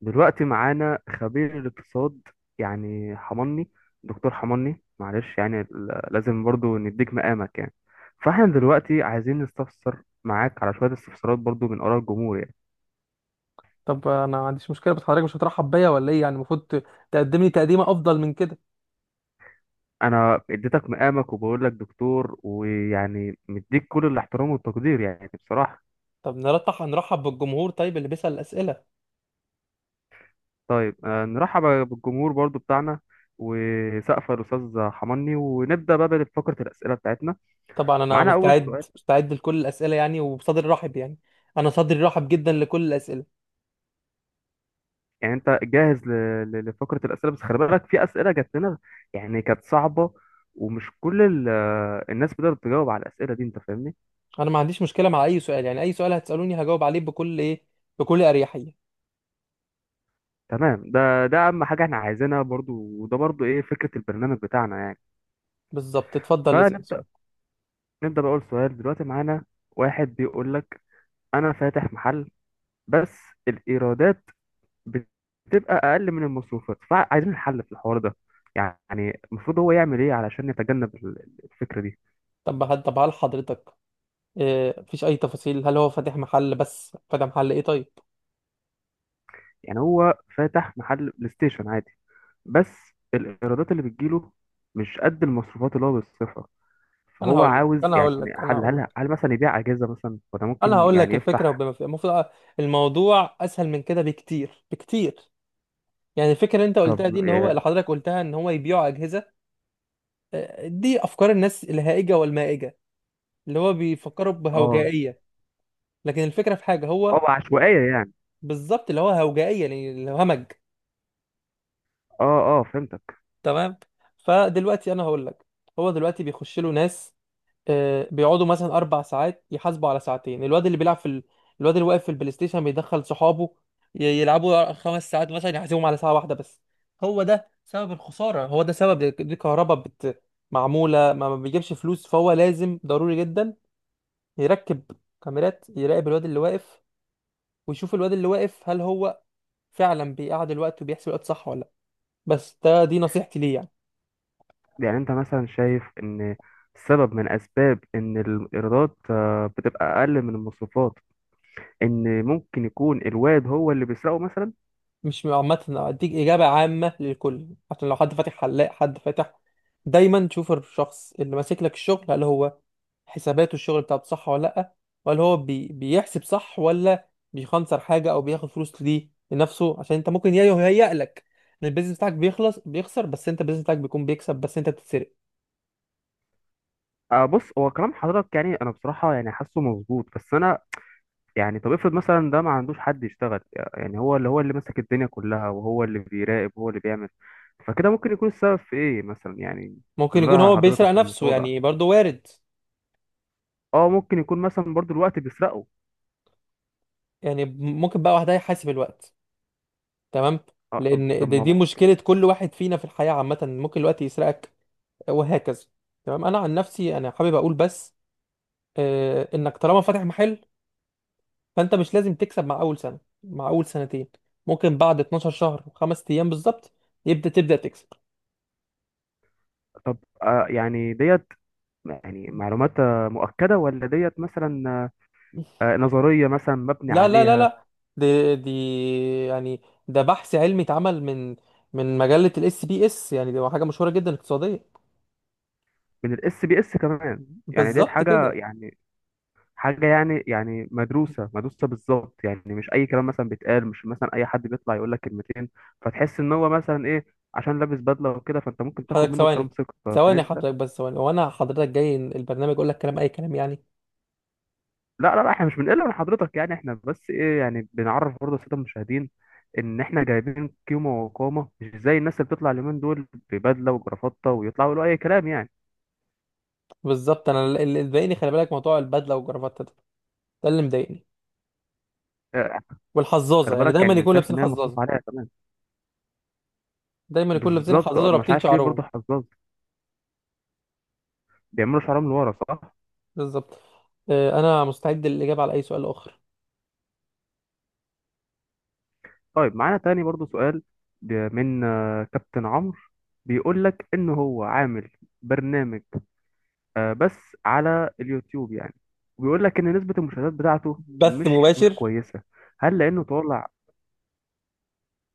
دلوقتي معانا خبير الاقتصاد يعني حماني. دكتور حماني، معلش يعني لازم برضو نديك مقامك يعني. فاحنا دلوقتي عايزين نستفسر معاك على شوية استفسارات برضو من آراء الجمهور يعني. طب انا ما عنديش مشكله، بس حضرتك مش هترحب بيا ولا ايه؟ يعني المفروض تقدم لي تقديمه افضل من كده. انا اديتك مقامك وبقول لك دكتور، ويعني مديك كل الاحترام والتقدير يعني بصراحة. طب نرتح، هنرحب بالجمهور، طيب اللي بيسال الاسئله. طيب. نرحب بالجمهور برضو بتاعنا، وسقف الأستاذ حماني، ونبدأ بقى بفقرة الأسئلة بتاعتنا. طبعا انا معانا أول مستعد سؤال. مستعد لكل الاسئله يعني، وبصدر رحب يعني. انا صدري رحب جدا لكل الاسئله. يعني انت جاهز لفقره الاسئله، بس خلي بالك في اسئله جات لنا يعني، كانت صعبه، ومش كل الناس بتقدر تجاوب على الاسئله دي. انت فاهمني؟ انا ما عنديش مشكله مع اي سؤال، يعني اي سؤال هتسالوني هجاوب عليه بكل اريحيه. تمام، ده اهم حاجه احنا عايزينها برضو، وده برضو ايه فكره البرنامج بتاعنا يعني. بالظبط، اتفضل اسال فنبدا سؤال. نبدا باول سؤال. دلوقتي معانا واحد بيقول لك: انا فاتح محل، بس الايرادات بتبقى اقل من المصروفات، فعايزين الحل في الحوار ده. يعني المفروض هو يعمل ايه علشان يتجنب الفكره دي؟ طب هل حضرتك إيه؟ مفيش اي تفاصيل؟ هل هو فاتح محل بس؟ فاتح محل ايه؟ طيب. يعني هو فاتح محل بلاي ستيشن عادي، بس الإيرادات اللي بتجيله مش قد المصروفات اللي هو بيصرفها، انا فهو هقول لك عاوز انا يعني. هقول لك هل هل هل مثلا يبيع أجهزة مثلا، ولا ممكن يعني الفكره يفتح؟ المفروض، الموضوع اسهل من كده بكتير بكتير. يعني الفكره اللي انت قلتها طب، دي ان هو، اه، اللي حضرتك قلتها ان هو يبيعوا اجهزه. دي افكار الناس الهائجه والمائجه، اللي هو بيفكروا اه. بهوجائيه. لكن الفكره في حاجه هو. عشوائية يعني. بالظبط، اللي هو هوجائيه يعني اللي هو همج. اه، اه، فهمتك. تمام. فدلوقتي انا هقول لك، هو دلوقتي بيخش له ناس، بيقعدوا مثلا 4 ساعات يحاسبوا على ساعتين. الواد اللي واقف في البلاي ستيشن بيدخل صحابه، يلعبوا 5 ساعات مثلا يحاسبهم على ساعه واحده بس. هو ده سبب الخساره، هو ده سبب، دي كهرباء معموله، ما بيجيبش فلوس. فهو لازم ضروري جدا يركب كاميرات يراقب الواد اللي واقف، ويشوف الواد اللي واقف هل هو فعلا بيقعد الوقت وبيحسب الوقت صح ولا لا. بس ده دي نصيحتي ليه يعني. يعني انت مثلا شايف ان السبب من اسباب ان الايرادات بتبقى اقل من المصروفات، ان ممكن يكون الواد هو اللي بيسرقه مثلا؟ مش عامة، أديك إجابة عامة للكل. عشان لو حد فاتح حلاق، حد فاتح، دايما تشوف الشخص اللي ماسك لك الشغل هل هو حساباته الشغل بتاعته صح ولا لأ، ولا هو بيحسب صح ولا بيخنصر حاجة أو بياخد فلوس ليه لنفسه. عشان أنت ممكن يهيأ لك إن البيزنس بتاعك بيخلص بيخسر، بس أنت البيزنس بتاعك بيكون بيكسب، بس أنت بتتسرق. آه، بص، هو كلام حضرتك يعني انا بصراحه يعني حاسه مظبوط، بس انا يعني. طب افرض مثلا ده ما عندوش حد يشتغل، يعني هو اللي ماسك الدنيا كلها، وهو اللي بيراقب، وهو اللي بيعمل، فكده ممكن يكون السبب في ايه مثلا يعني؟ ممكن من يكون رأي هو بيسرق حضرتك نفسه، الموضوع ده، يعني برضه وارد. اه، ممكن يكون مثلا برضو الوقت بيسرقه. يعني ممكن بقى واحد يحاسب الوقت. تمام. اه، طب لأن دي ما دي هو- مشكلة كل واحد فينا في الحياة عامة، ممكن الوقت يسرقك. وهكذا. تمام، انا عن نفسي انا حابب اقول بس انك طالما فاتح محل، فانت مش لازم تكسب مع اول سنه مع اول سنتين. ممكن بعد 12 شهر وخمس ايام بالظبط يبدا تبدا تكسب. طب، يعني ديت يعني معلومات مؤكدة، ولا ديت مثلا نظرية مثلا مبني لا لا لا عليها؟ لا، دي يعني، ده بحث علمي اتعمل من مجله الاس بي اس. يعني دي حاجه مشهوره جدا اقتصاديه. من الاس بي اس كمان؟ يعني ديت بالظبط حاجة، كده. يعني حاجة، يعني مدروسة مدروسة بالظبط يعني، مش أي كلام مثلا بيتقال، مش مثلا أي حد بيطلع يقول لك كلمتين فتحس إن هو مثلا إيه، عشان لابس بدلة وكده، فأنت ممكن تاخد حضرتك منه ثواني، الكلام ثقة، لكن ثواني أنت... حضرتك بس ثواني. وانا حضرتك جاي البرنامج اقول لك كلام؟ اي كلام يعني؟ لا، لا، لا، إحنا مش بنقل من حضرتك يعني، إحنا بس إيه يعني، بنعرف برضه السادة المشاهدين إن إحنا جايبين قيمة وقامة، مش زي الناس اللي بتطلع اليومين دول ببدلة وجرافطة ويطلعوا يقولوا أي كلام يعني. بالظبط، انا اللي مضايقني، خلي بالك، موضوع البدله والجرافته ده، ده اللي مضايقني. آه، والحظاظه، خلي يعني بالك دايما يعني، يكون شايف لابسين إن هي حظاظه، مصروف عليها كمان. دايما يكون لابسين بالظبط. حظاظه مش ورابطين عارف ليه برضه شعرهم. حظاظ بيعملوا شعرهم لورا، صح؟ بالظبط، انا مستعد للاجابه على اي سؤال اخر. طيب، معانا تاني برضو سؤال من كابتن عمرو، بيقول لك ان هو عامل برنامج بس على اليوتيوب يعني، وبيقول لك ان نسبة المشاهدات بتاعته بث مش مباشر. كويسة. هل لانه طالع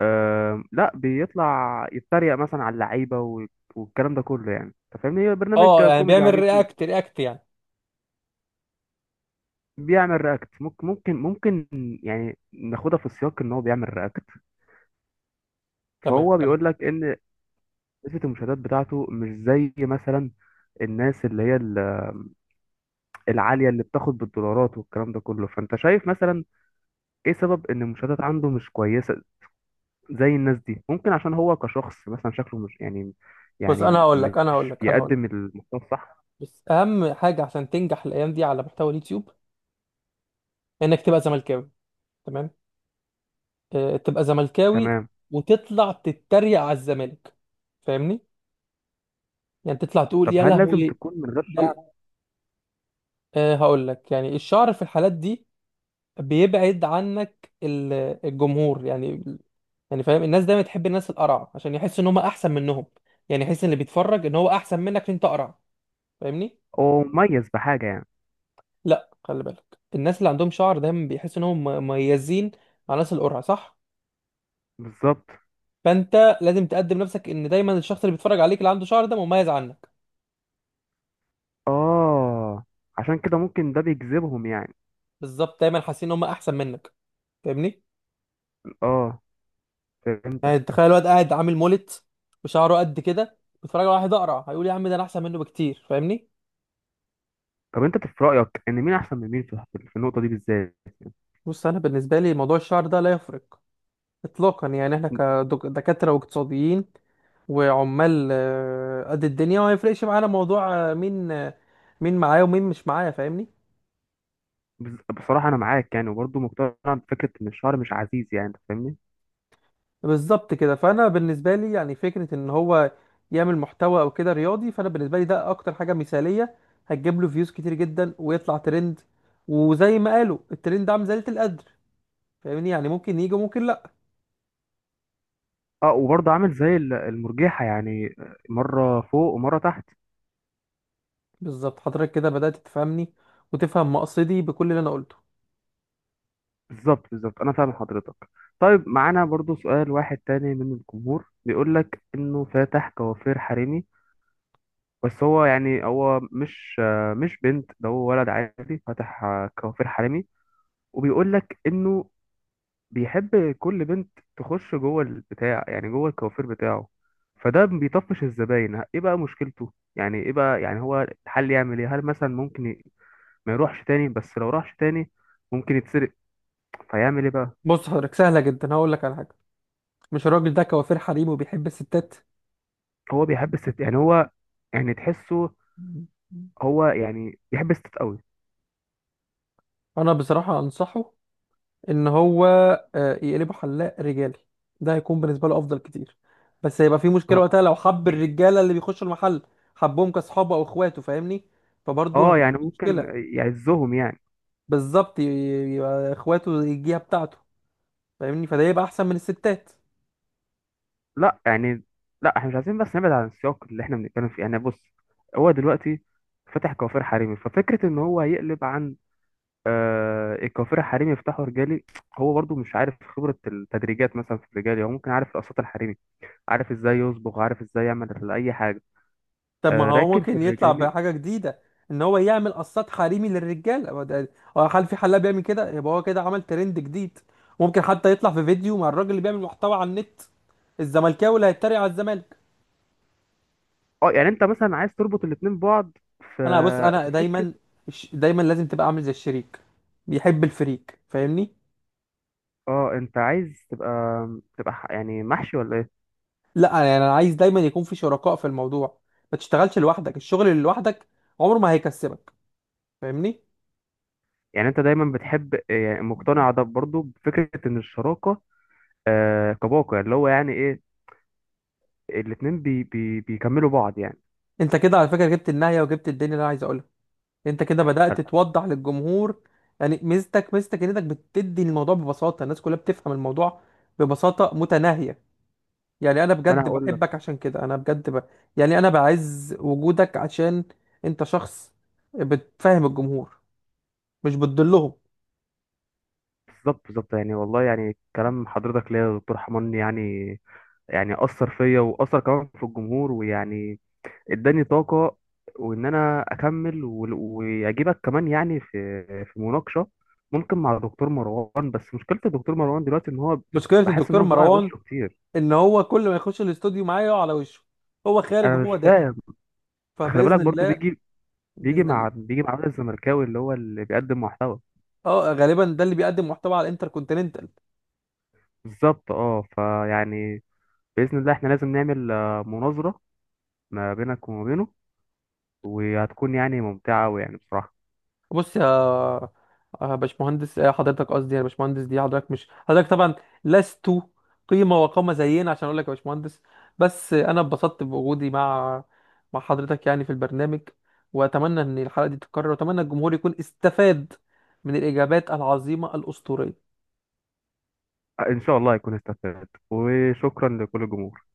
لا، بيطلع يتريق مثلا على اللعيبة والكلام ده كله يعني، انت فاهمني، هي برنامج اه يعني كوميدي على بيعمل اليوتيوب. رياكت رياكت يعني. بيعمل رياكت، ممكن يعني ناخدها في السياق ان هو بيعمل رياكت. تمام فهو تمام. بيقول لك ان نسبة المشاهدات بتاعته مش زي مثلا الناس اللي هي العالية، اللي بتاخد بالدولارات والكلام ده كله، فأنت شايف مثلا إيه سبب إن المشاهدات عنده مش كويسة زي الناس دي؟ ممكن عشان هو كشخص مثلا شكله مش يعني، بص، انا يعني هقول لك انا هقول مش لك بيقدم المحتوى الصح. بس اهم حاجه عشان تنجح الايام دي على محتوى اليوتيوب، انك تبقى زملكاوي. تمام. تبقى زملكاوي، تمام. وتطلع تتريق على الزمالك، فاهمني؟ يعني تطلع تقول طب يا هل لازم لهوي تكون من غير شعر، ده. أه هقول لك، يعني الشعر في الحالات دي بيبعد عنك الجمهور يعني. يعني فاهم، الناس دايما تحب الناس القرع عشان يحس ان هم احسن منهم. يعني يحس ان اللي بيتفرج ان هو احسن منك عشان انت قرع، فاهمني؟ أو مميز بحاجة يعني؟ لا، خلي بالك، الناس اللي عندهم شعر دايما بيحسوا ان هم مميزين عن الناس القرع، صح؟ بالظبط. فانت لازم تقدم نفسك ان دايما الشخص اللي بيتفرج عليك اللي عنده شعر ده مميز عنك. آه عشان كده ممكن ده بيجذبهم يعني. بالظبط، دايما حاسين ان هم احسن منك، فاهمني؟ آه، فهمتك. يعني تخيل الواد قاعد عامل مولت، وشعره قد كده، بيتفرج على واحد اقرع، هيقول يا عم ده انا احسن منه بكتير، فاهمني؟ طب أنت في رأيك إن مين أحسن من مين في النقطة دي بالذات؟ بص، انا بالنسبه لي موضوع الشعر ده لا يفرق اطلاقا. يعني احنا كدكاتره واقتصاديين وعمال، قد الدنيا، وما يفرقش معانا موضوع مين معايا ومين مش معايا، فاهمني؟ بصراحة أنا معاك يعني، وبرضه مقتنع بفكرة إن الشعر مش عزيز يعني، أنت فاهمني؟ بالظبط كده، فانا بالنسبه لي يعني فكره ان هو يعمل محتوى او كده رياضي، فانا بالنسبه لي ده اكتر حاجه مثاليه، هتجيب له فيوز كتير جدا ويطلع ترند. وزي ما قالوا الترند ده عامل زلة القدر، فاهمني؟ يعني ممكن يجي وممكن لا. أه، وبرضه عامل زي المرجيحة يعني، مرة فوق ومرة تحت. بالظبط، حضرتك كده بدأت تفهمني وتفهم مقصدي بكل اللي انا قلته. بالظبط، بالظبط، أنا فاهم حضرتك. طيب، معانا برضه سؤال واحد تاني من الجمهور بيقول لك إنه فاتح كوافير حريمي، بس هو يعني هو مش بنت، ده هو ولد عادي فاتح كوافير حريمي، وبيقول لك إنه بيحب كل بنت تخش جوه البتاع يعني جوه الكوافير بتاعه، فده بيطفش الزباين. ايه بقى مشكلته يعني؟ ايه بقى يعني هو الحل، يعمل ايه؟ هل مثلا ممكن ما يروحش تاني؟ بس لو راحش تاني ممكن يتسرق، فيعمل ايه بقى؟ بص حضرتك، سهلة جدا، هقول لك على حاجة. مش الراجل ده كوافير حريم وبيحب الستات؟ هو بيحب الست يعني هو، يعني تحسه هو يعني بيحب الست قوي. انا بصراحة انصحه ان هو يقلبه حلاق رجالي. ده هيكون بالنسبة له افضل كتير. بس هيبقى في مشكلة اه. وقتها لو حب الرجالة اللي بيخشوا المحل، حبهم كاصحابه او اخواته، فاهمني؟ فبرضه هتبقى يعني في ممكن مشكلة. يعزهم يعني. بالظبط، يبقى اخواته يجيها بتاعته، فاهمني؟ فده يبقى احسن من الستات. لا يعني، لا، احنا مش عايزين بس نبعد عن السياق اللي احنا بنتكلم فيه يعني. بص، هو دلوقتي فتح كوافير حريمي، ففكرة إن هو يقلب عن الكوافير حريمي يفتحوا رجالي، هو برضو مش عارف خبرة التدريجات مثلا في الرجالي، هو ممكن عارف القصات الحريمي، عارف ازاي يصبغ، عارف ازاي يعمل أي حاجة. طب ما هو لكن في ممكن يطلع الرجالي. بحاجة جديدة، ان هو يعمل قصات حريمي للرجال. هو، هل في حلاق بيعمل كده؟ يبقى هو كده عمل ترند جديد. ممكن حتى يطلع في فيديو مع الراجل اللي بيعمل محتوى على النت، الزملكاوي اللي هيتريق على الزمالك. اه، يعني انت مثلا عايز تربط الاتنين ببعض، في بص، انا فكرة. دايما، دايما لازم تبقى عامل زي الشريك بيحب الفريق، فاهمني؟ اه، انت عايز يعني محشي ولا ايه؟ لا يعني، انا عايز دايما يكون في شركاء في الموضوع. ما تشتغلش لوحدك، الشغل اللي لوحدك عمره ما هيكسبك، فاهمني؟ يعني انت دايما بتحب يعني مقتنع ده برضو بفكرة ان الشراكة، كباقة اللي هو يعني ايه، الاتنين بي بي بيكملوا بعض يعني. انت كده على فكرة جبت النهاية وجبت الدنيا اللي انا عايز اقولها. انت كده خل- بدأت توضح للجمهور. يعني ميزتك، ميزتك انك بتدي الموضوع ببساطة، الناس كلها بتفهم الموضوع ببساطة متناهية. يعني انا ما انا بجد هقول. بحبك، عشان كده انا بجد يعني انا بعز وجودك، عشان انت شخص بتفهم الجمهور، مش بتضلهم. بالظبط، بالظبط يعني، والله يعني كلام حضرتك ليا يا دكتور حمان يعني، أثر فيا وأثر كمان في الجمهور، ويعني اداني طاقة، وإن أنا أكمل وأجيبك كمان يعني في مناقشة ممكن مع دكتور مروان، بس مشكلة الدكتور مروان دلوقتي إن هو مشكلة بحس إن الدكتور هو بيقع على مروان وشه كتير. ان هو كل ما يخش الاستوديو معايا يقع على وشه، هو خارج أنا مش وهو داخل. فاهم. خلي بالك فبإذن برضو الله. بيجي، بيجي بإذن مع الله. بيجي مع الراجل الزملكاوي اللي هو اللي بيقدم محتوى. اه غالبا ده اللي بيقدم محتوى على الانتر. بالظبط. أه، فيعني بإذن الله إحنا لازم نعمل مناظرة ما بينك وما بينه، وهتكون يعني ممتعة ويعني بصراحة. بص يا باشمهندس، حضرتك، قصدي يا باشمهندس، دي حضرتك، مش حضرتك طبعا لست قيمة وقامة زينا عشان اقول لك يا باشمهندس. بس انا اتبسطت بوجودي مع حضرتك يعني في البرنامج، واتمنى ان الحلقة دي تتكرر، واتمنى الجمهور يكون استفاد من الاجابات العظيمة الاسطورية. إن شاء الله هيكون استفاد، وشكرا لكل الجمهور.